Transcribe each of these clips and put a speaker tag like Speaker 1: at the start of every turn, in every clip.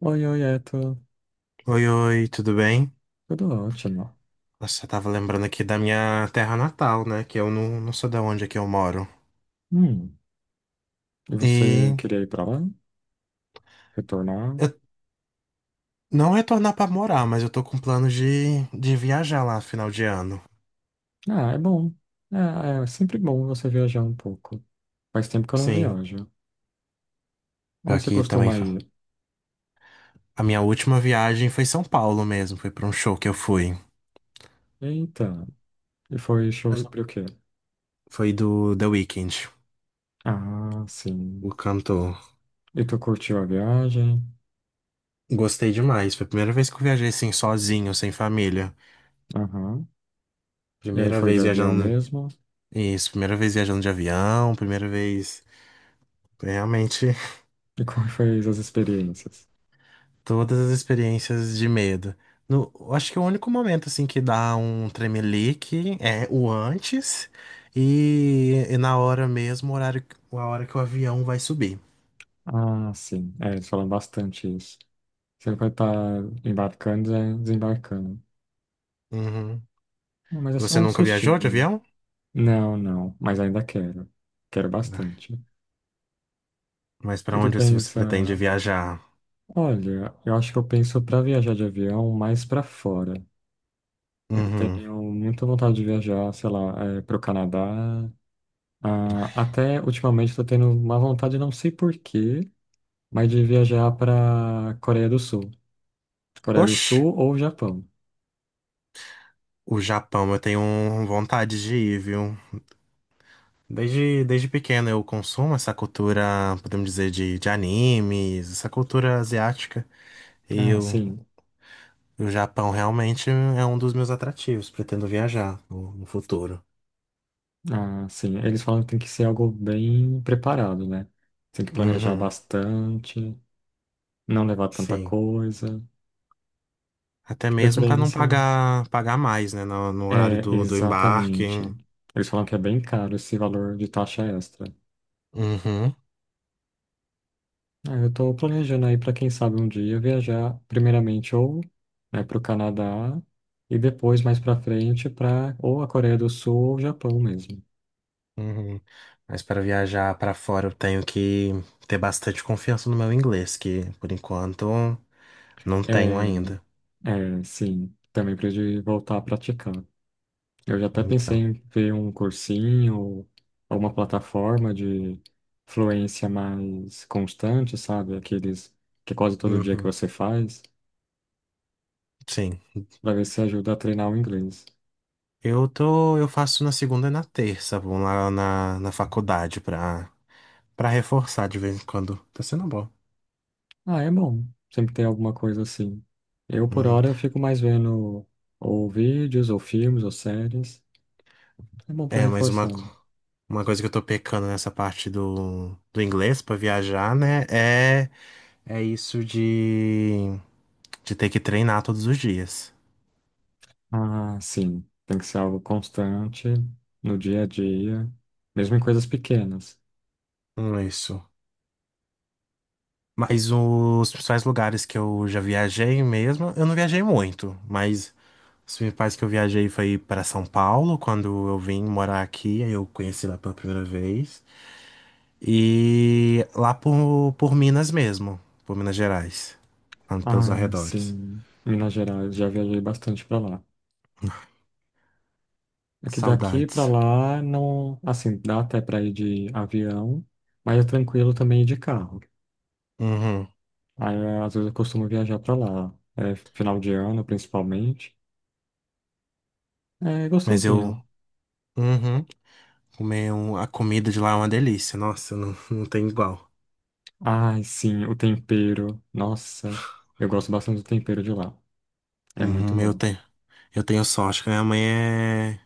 Speaker 1: Oi, oi, Eto.
Speaker 2: Oi, oi, tudo bem?
Speaker 1: Tudo ótimo.
Speaker 2: Nossa, eu tava lembrando aqui da minha terra natal, né? Que eu não sei de onde é que eu moro.
Speaker 1: Hum, e você
Speaker 2: E
Speaker 1: queria ir pra lá? Retornar?
Speaker 2: eu não retornar pra morar, mas eu tô com plano de viajar lá final de ano.
Speaker 1: Ah, é bom. É, é sempre bom você viajar um pouco. Faz tempo que eu não
Speaker 2: Sim,
Speaker 1: viajo.
Speaker 2: pior
Speaker 1: Onde você
Speaker 2: que também
Speaker 1: costuma ir?
Speaker 2: a minha última viagem foi São Paulo mesmo, foi pra um show que eu fui.
Speaker 1: Eita, e foi show sobre o quê?
Speaker 2: Foi do The Weeknd,
Speaker 1: Ah, sim.
Speaker 2: o cantor.
Speaker 1: E tu curtiu a viagem?
Speaker 2: Gostei demais, foi a primeira vez que eu viajei assim sozinho, sem família.
Speaker 1: Aham. E aí
Speaker 2: Primeira
Speaker 1: foi de
Speaker 2: vez
Speaker 1: avião
Speaker 2: viajando,
Speaker 1: mesmo?
Speaker 2: isso, primeira vez viajando de avião, primeira vez. Foi realmente
Speaker 1: E como foi as experiências?
Speaker 2: todas as experiências de medo. No, eu acho que o único momento assim que dá um tremelique é o antes e na hora mesmo, o horário, a hora que o avião vai subir.
Speaker 1: Ah, sim. É, eles falam bastante isso. Você vai estar embarcando e desembarcando.
Speaker 2: Uhum.
Speaker 1: Não, mas é só
Speaker 2: Você
Speaker 1: um
Speaker 2: nunca viajou
Speaker 1: sustinho,
Speaker 2: de
Speaker 1: né?
Speaker 2: avião?
Speaker 1: Não, mas ainda quero. Quero
Speaker 2: Ah,
Speaker 1: bastante.
Speaker 2: mas
Speaker 1: E
Speaker 2: pra
Speaker 1: tu
Speaker 2: onde se você
Speaker 1: pensa,
Speaker 2: pretende viajar?
Speaker 1: olha, eu acho que eu penso pra viajar de avião mais pra fora. Eu
Speaker 2: Uhum.
Speaker 1: tenho muita vontade de viajar, sei lá, é, pro Canadá. Ah, até ultimamente tô tendo uma vontade, não sei por quê, mas de viajar pra Coreia do Sul. Coreia do
Speaker 2: Oxe,
Speaker 1: Sul ou Japão.
Speaker 2: o Japão, eu tenho vontade de ir, viu? Desde pequeno eu consumo essa cultura, podemos dizer, de animes, essa cultura asiática. E
Speaker 1: Ah,
Speaker 2: eu,
Speaker 1: sim.
Speaker 2: o Japão realmente é um dos meus atrativos. Pretendo viajar no futuro.
Speaker 1: Ah, sim. Eles falam que tem que ser algo bem preparado, né? Tem que planejar
Speaker 2: Uhum,
Speaker 1: bastante. Não levar tanta
Speaker 2: sim.
Speaker 1: coisa,
Speaker 2: Até
Speaker 1: de
Speaker 2: mesmo para não
Speaker 1: preferência.
Speaker 2: pagar mais, né? No horário
Speaker 1: É,
Speaker 2: do embarque.
Speaker 1: exatamente. Eles falam que é bem caro esse valor de taxa extra.
Speaker 2: Uhum,
Speaker 1: Ah, eu estou planejando aí para quem sabe um dia viajar primeiramente ou né para o Canadá e depois mais para frente para ou a Coreia do Sul ou o Japão mesmo.
Speaker 2: uhum. Mas para viajar para fora eu tenho que ter bastante confiança no meu inglês, que por enquanto não tenho
Speaker 1: É,
Speaker 2: ainda.
Speaker 1: sim, também preciso voltar a praticar. Eu já até pensei
Speaker 2: Então,
Speaker 1: em ver um cursinho ou uma plataforma de fluência mais constante, sabe? Aqueles que é quase todo dia que
Speaker 2: uhum,
Speaker 1: você faz,
Speaker 2: sim.
Speaker 1: para ver se ajuda a treinar o inglês.
Speaker 2: Eu tô, eu faço na segunda e na terça, vou lá na faculdade para reforçar de vez em quando. Tá sendo bom.
Speaker 1: Ah, é bom. Sempre tem alguma coisa assim. Eu, por
Speaker 2: Uhum.
Speaker 1: hora, fico mais vendo ou vídeos, ou filmes, ou séries. É bom para
Speaker 2: É, mas
Speaker 1: reforçar.
Speaker 2: uma, uma coisa que eu tô pecando nessa parte do inglês pra viajar, né? É, é isso de ter que treinar todos os dias.
Speaker 1: Ah, sim. Tem que ser algo constante, no dia a dia, mesmo em coisas pequenas.
Speaker 2: Isso. Mas os principais lugares que eu já viajei mesmo, eu não viajei muito, mas os principais que eu viajei foi para São Paulo, quando eu vim morar aqui, aí eu conheci lá pela primeira vez. E lá por Minas mesmo, por Minas Gerais, lá pelos
Speaker 1: Ah,
Speaker 2: arredores.
Speaker 1: sim, Minas Gerais, já viajei bastante para lá. É
Speaker 2: Que
Speaker 1: que daqui para
Speaker 2: saudades.
Speaker 1: lá não, assim, dá até para ir de avião, mas é tranquilo também ir de carro.
Speaker 2: Uhum.
Speaker 1: Aí é, às vezes eu costumo viajar para lá, é, final de ano principalmente. É
Speaker 2: Mas eu.
Speaker 1: gostosinho.
Speaker 2: Uhum. Comer um- a comida de lá é uma delícia. Nossa, não, não tem igual.
Speaker 1: Ai, sim, o tempero. Nossa, eu gosto bastante do tempero de lá. É muito
Speaker 2: Uhum, eu
Speaker 1: bom.
Speaker 2: tenho. Eu tenho sorte que minha mãe é,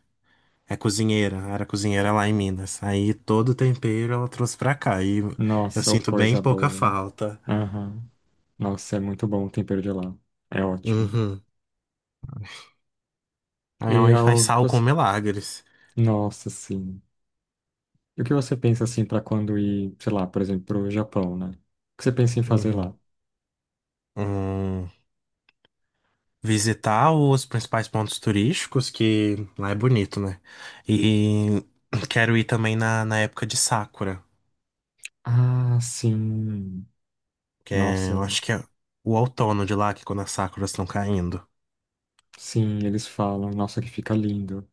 Speaker 2: é cozinheira, era cozinheira lá em Minas. Aí todo o tempero ela trouxe pra cá e eu
Speaker 1: Nossa, ô
Speaker 2: sinto bem
Speaker 1: coisa
Speaker 2: pouca
Speaker 1: boa.
Speaker 2: falta.
Speaker 1: Aham. Nossa, é muito bom o tempero de lá. É ótimo.
Speaker 2: Uhum. A minha
Speaker 1: E é
Speaker 2: mãe faz
Speaker 1: algo que
Speaker 2: sal com
Speaker 1: você.
Speaker 2: milagres.
Speaker 1: Nossa, sim. E o que você pensa assim para quando ir, sei lá, por exemplo, para o Japão, né? O que você pensa em fazer
Speaker 2: Uhum.
Speaker 1: lá?
Speaker 2: Hum, Visitar os principais pontos turísticos, que lá é bonito, né? E quero ir também na época de Sakura.
Speaker 1: Ah, sim.
Speaker 2: Que é,
Speaker 1: Nossa,
Speaker 2: eu acho que é o outono de lá, que é quando as sakuras estão caindo.
Speaker 1: sim, eles falam. Nossa, que fica lindo.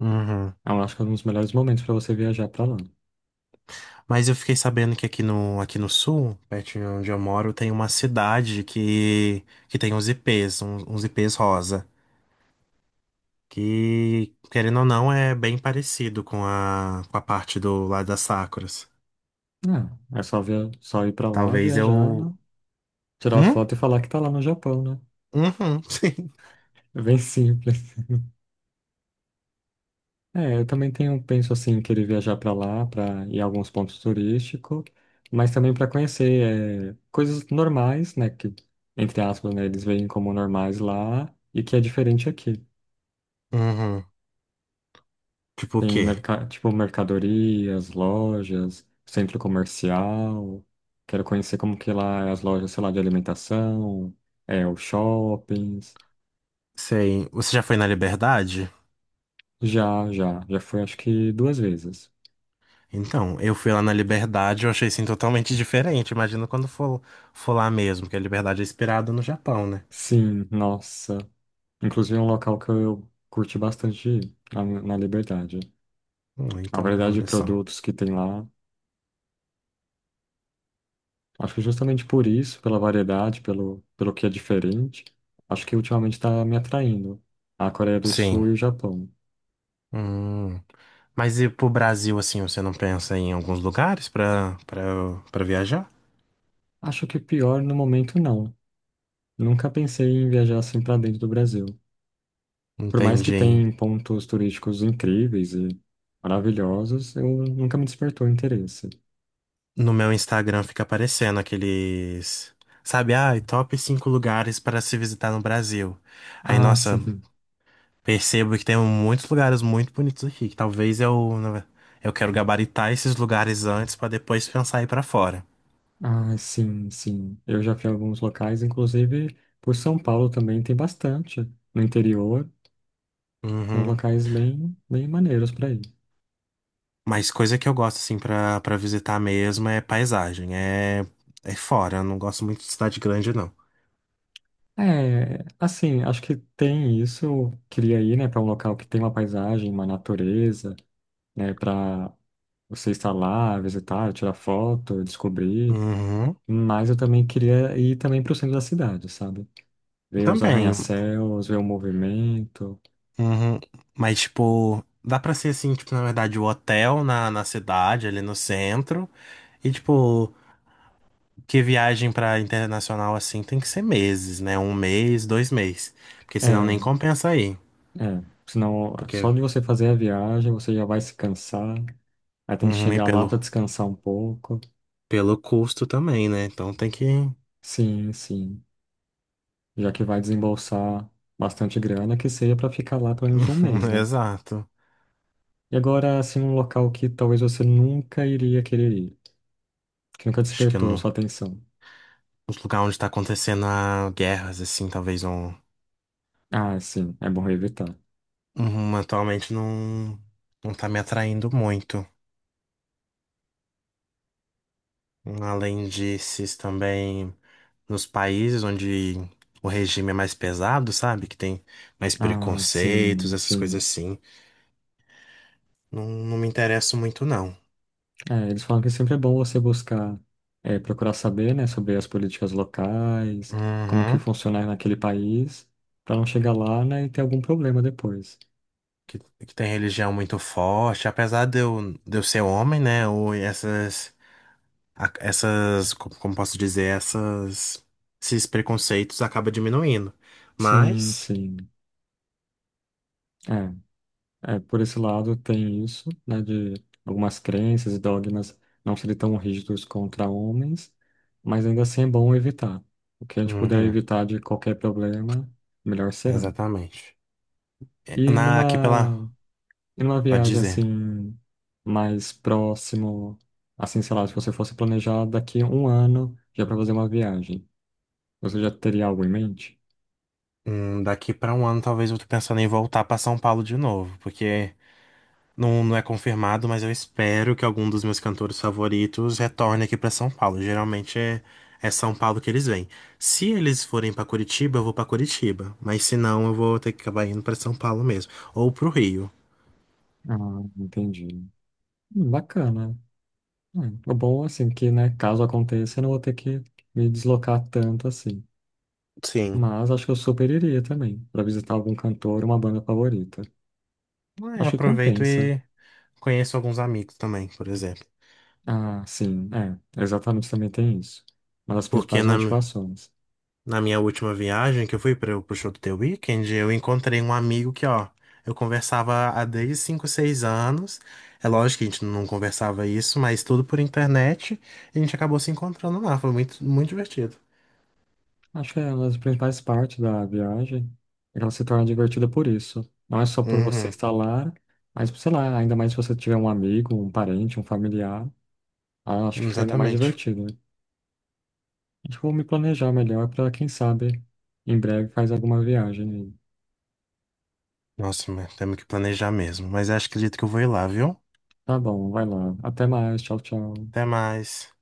Speaker 2: Uhum.
Speaker 1: Eu acho que é um dos melhores momentos para você viajar para lá.
Speaker 2: Mas eu fiquei sabendo que aqui no sul, pertinho de onde eu moro, tem uma cidade que tem uns ipês, uns ipês rosa. Que, querendo ou não, é bem parecido com a parte do lado das sakuras.
Speaker 1: Não, é só via... só ir para lá,
Speaker 2: Talvez
Speaker 1: viajar,
Speaker 2: eu.
Speaker 1: né? Tirar
Speaker 2: Hum?
Speaker 1: foto e falar que tá lá no Japão, né?
Speaker 2: Uhum, sim.
Speaker 1: É bem simples. É, eu também tenho, penso assim, em querer viajar para lá, para ir a alguns pontos turísticos, mas também para conhecer é, coisas normais, né, que, entre aspas, né, eles veem como normais lá e que é diferente aqui.
Speaker 2: Uhum. Tipo o
Speaker 1: Tem,
Speaker 2: quê?
Speaker 1: merca tipo, mercadorias, lojas, centro comercial, quero conhecer como que lá é as lojas, sei lá, de alimentação, é, os shoppings.
Speaker 2: Sei. Você já foi na Liberdade?
Speaker 1: Já fui acho que duas vezes.
Speaker 2: Então, eu fui lá na Liberdade, eu achei assim totalmente diferente. Imagina quando for, lá mesmo, porque a Liberdade é inspirada no Japão, né?
Speaker 1: Sim, nossa. Inclusive, é um local que eu curti bastante ir, na Liberdade. A
Speaker 2: Então,
Speaker 1: variedade de
Speaker 2: olha só.
Speaker 1: produtos que tem lá. Acho que justamente por isso, pela variedade, pelo que é diferente, acho que ultimamente está me atraindo a Coreia do
Speaker 2: Sim.
Speaker 1: Sul e o Japão.
Speaker 2: Hum. Mas e pro Brasil, assim, você não pensa em alguns lugares pra viajar?
Speaker 1: Acho que pior no momento não. Nunca pensei em viajar assim para dentro do Brasil. Por mais que
Speaker 2: Entendi.
Speaker 1: tenha pontos turísticos incríveis e maravilhosos, eu nunca me despertou interesse.
Speaker 2: No meu Instagram fica aparecendo aqueles. Sabe, ah, top 5 lugares para se visitar no Brasil. Aí,
Speaker 1: Ah,
Speaker 2: nossa,
Speaker 1: sim.
Speaker 2: percebo que tem muitos lugares muito bonitos aqui, que talvez eu quero gabaritar esses lugares antes pra depois pensar ir pra fora.
Speaker 1: Ah, sim, sim. Eu já fui a alguns locais, inclusive por São Paulo também tem bastante no interior. Tem uns
Speaker 2: Uhum.
Speaker 1: locais bem, bem maneiros para ir.
Speaker 2: Mas coisa que eu gosto assim pra para visitar mesmo é paisagem, é é fora, eu não gosto muito de cidade grande não.
Speaker 1: É, assim, acho que tem isso. Eu queria ir, né, para um local que tem uma paisagem, uma natureza, né, para você estar lá, visitar, tirar foto, descobrir.
Speaker 2: Uhum.
Speaker 1: Mas eu também queria ir também para o centro da cidade, sabe? Ver os
Speaker 2: Também.
Speaker 1: arranha-céus, ver o movimento.
Speaker 2: Uhum. Mas tipo, dá pra ser assim, tipo, na verdade, o hotel na cidade, ali no centro, e tipo. Porque viagem pra internacional assim tem que ser meses, né? Um mês, 2 meses. Porque senão
Speaker 1: É,
Speaker 2: nem compensa aí.
Speaker 1: É, senão só
Speaker 2: Porque
Speaker 1: de você fazer a viagem você já vai se cansar, aí tem que
Speaker 2: uhum, e
Speaker 1: chegar lá
Speaker 2: pelo,
Speaker 1: para descansar um pouco.
Speaker 2: pelo custo também, né? Então tem que.
Speaker 1: Sim, sim. Já que vai desembolsar bastante grana, que seja para ficar lá pelo menos um mês, né?
Speaker 2: Exato.
Speaker 1: E agora, assim, um local que talvez você nunca iria querer ir, que nunca
Speaker 2: Acho que
Speaker 1: despertou a sua
Speaker 2: no,
Speaker 1: atenção.
Speaker 2: nos lugares onde tá acontecendo a guerras, assim, talvez não.
Speaker 1: Ah, sim, é bom evitar.
Speaker 2: Uhum, atualmente não tá me atraindo muito. Além desses também nos países onde o regime é mais pesado, sabe? Que tem mais
Speaker 1: Ah,
Speaker 2: preconceitos,
Speaker 1: sim,
Speaker 2: essas coisas
Speaker 1: sim.
Speaker 2: assim. Não, não me interesso muito, não.
Speaker 1: É, eles falam que sempre é bom você buscar, é, procurar saber, né, sobre as políticas locais, como que
Speaker 2: Uhum.
Speaker 1: funciona naquele país, para não chegar lá, né, e ter algum problema depois.
Speaker 2: Que, que tem religião muito forte, apesar de eu ser homem, né? Ou essas, essas, como posso dizer, essas, esses preconceitos acaba diminuindo.
Speaker 1: Sim,
Speaker 2: Mas,
Speaker 1: sim. É, é, por esse lado tem isso, né, de algumas crenças e dogmas não serem tão rígidos contra homens, mas ainda assim é bom evitar. O que a gente puder
Speaker 2: uhum,
Speaker 1: evitar de qualquer problema, melhor será.
Speaker 2: exatamente. É,
Speaker 1: E
Speaker 2: na, aqui pela,
Speaker 1: numa E numa
Speaker 2: pode
Speaker 1: viagem
Speaker 2: dizer,
Speaker 1: assim, mais próximo, assim, sei lá, se você fosse planejar daqui a um ano já para fazer uma viagem, você já teria algo em mente?
Speaker 2: daqui pra um ano talvez eu tô pensando em voltar pra São Paulo de novo, porque não, não é confirmado, mas eu espero que algum dos meus cantores favoritos retorne aqui pra São Paulo. Geralmente é, é São Paulo que eles vêm. Se eles forem pra Curitiba, eu vou pra Curitiba. Mas se não, eu vou ter que acabar indo pra São Paulo mesmo. Ou pro Rio.
Speaker 1: Ah, entendi. Bacana. O bom, assim, que, né, caso aconteça, eu não vou ter que me deslocar tanto assim.
Speaker 2: Sim.
Speaker 1: Mas acho que eu super iria também, para visitar algum cantor, uma banda favorita.
Speaker 2: É,
Speaker 1: Acho que
Speaker 2: aproveito
Speaker 1: compensa.
Speaker 2: e conheço alguns amigos também, por exemplo.
Speaker 1: Ah, sim, é, exatamente também tem isso. Uma das
Speaker 2: Porque
Speaker 1: principais
Speaker 2: na,
Speaker 1: motivações.
Speaker 2: na minha última viagem que eu fui para o show do The Weeknd, eu encontrei um amigo que, ó, eu conversava há desde 5, 6 anos. É lógico que a gente não conversava isso, mas tudo por internet. E a gente acabou se encontrando lá. Foi muito, muito divertido.
Speaker 1: Acho que é uma das principais partes da viagem. Ela se torna divertida por isso. Não é só por você
Speaker 2: Uhum,
Speaker 1: estar lá, mas, sei lá, ainda mais se você tiver um amigo, um parente, um familiar. Ah, acho que fica ainda mais
Speaker 2: exatamente.
Speaker 1: divertido, né? Acho que eu vou me planejar melhor para, quem sabe, em breve faz alguma viagem.
Speaker 2: Nossa, mas temos que planejar mesmo. Mas acho, acredito que eu vou ir lá, viu?
Speaker 1: Tá bom, vai lá. Até mais. Tchau, tchau.
Speaker 2: Até mais.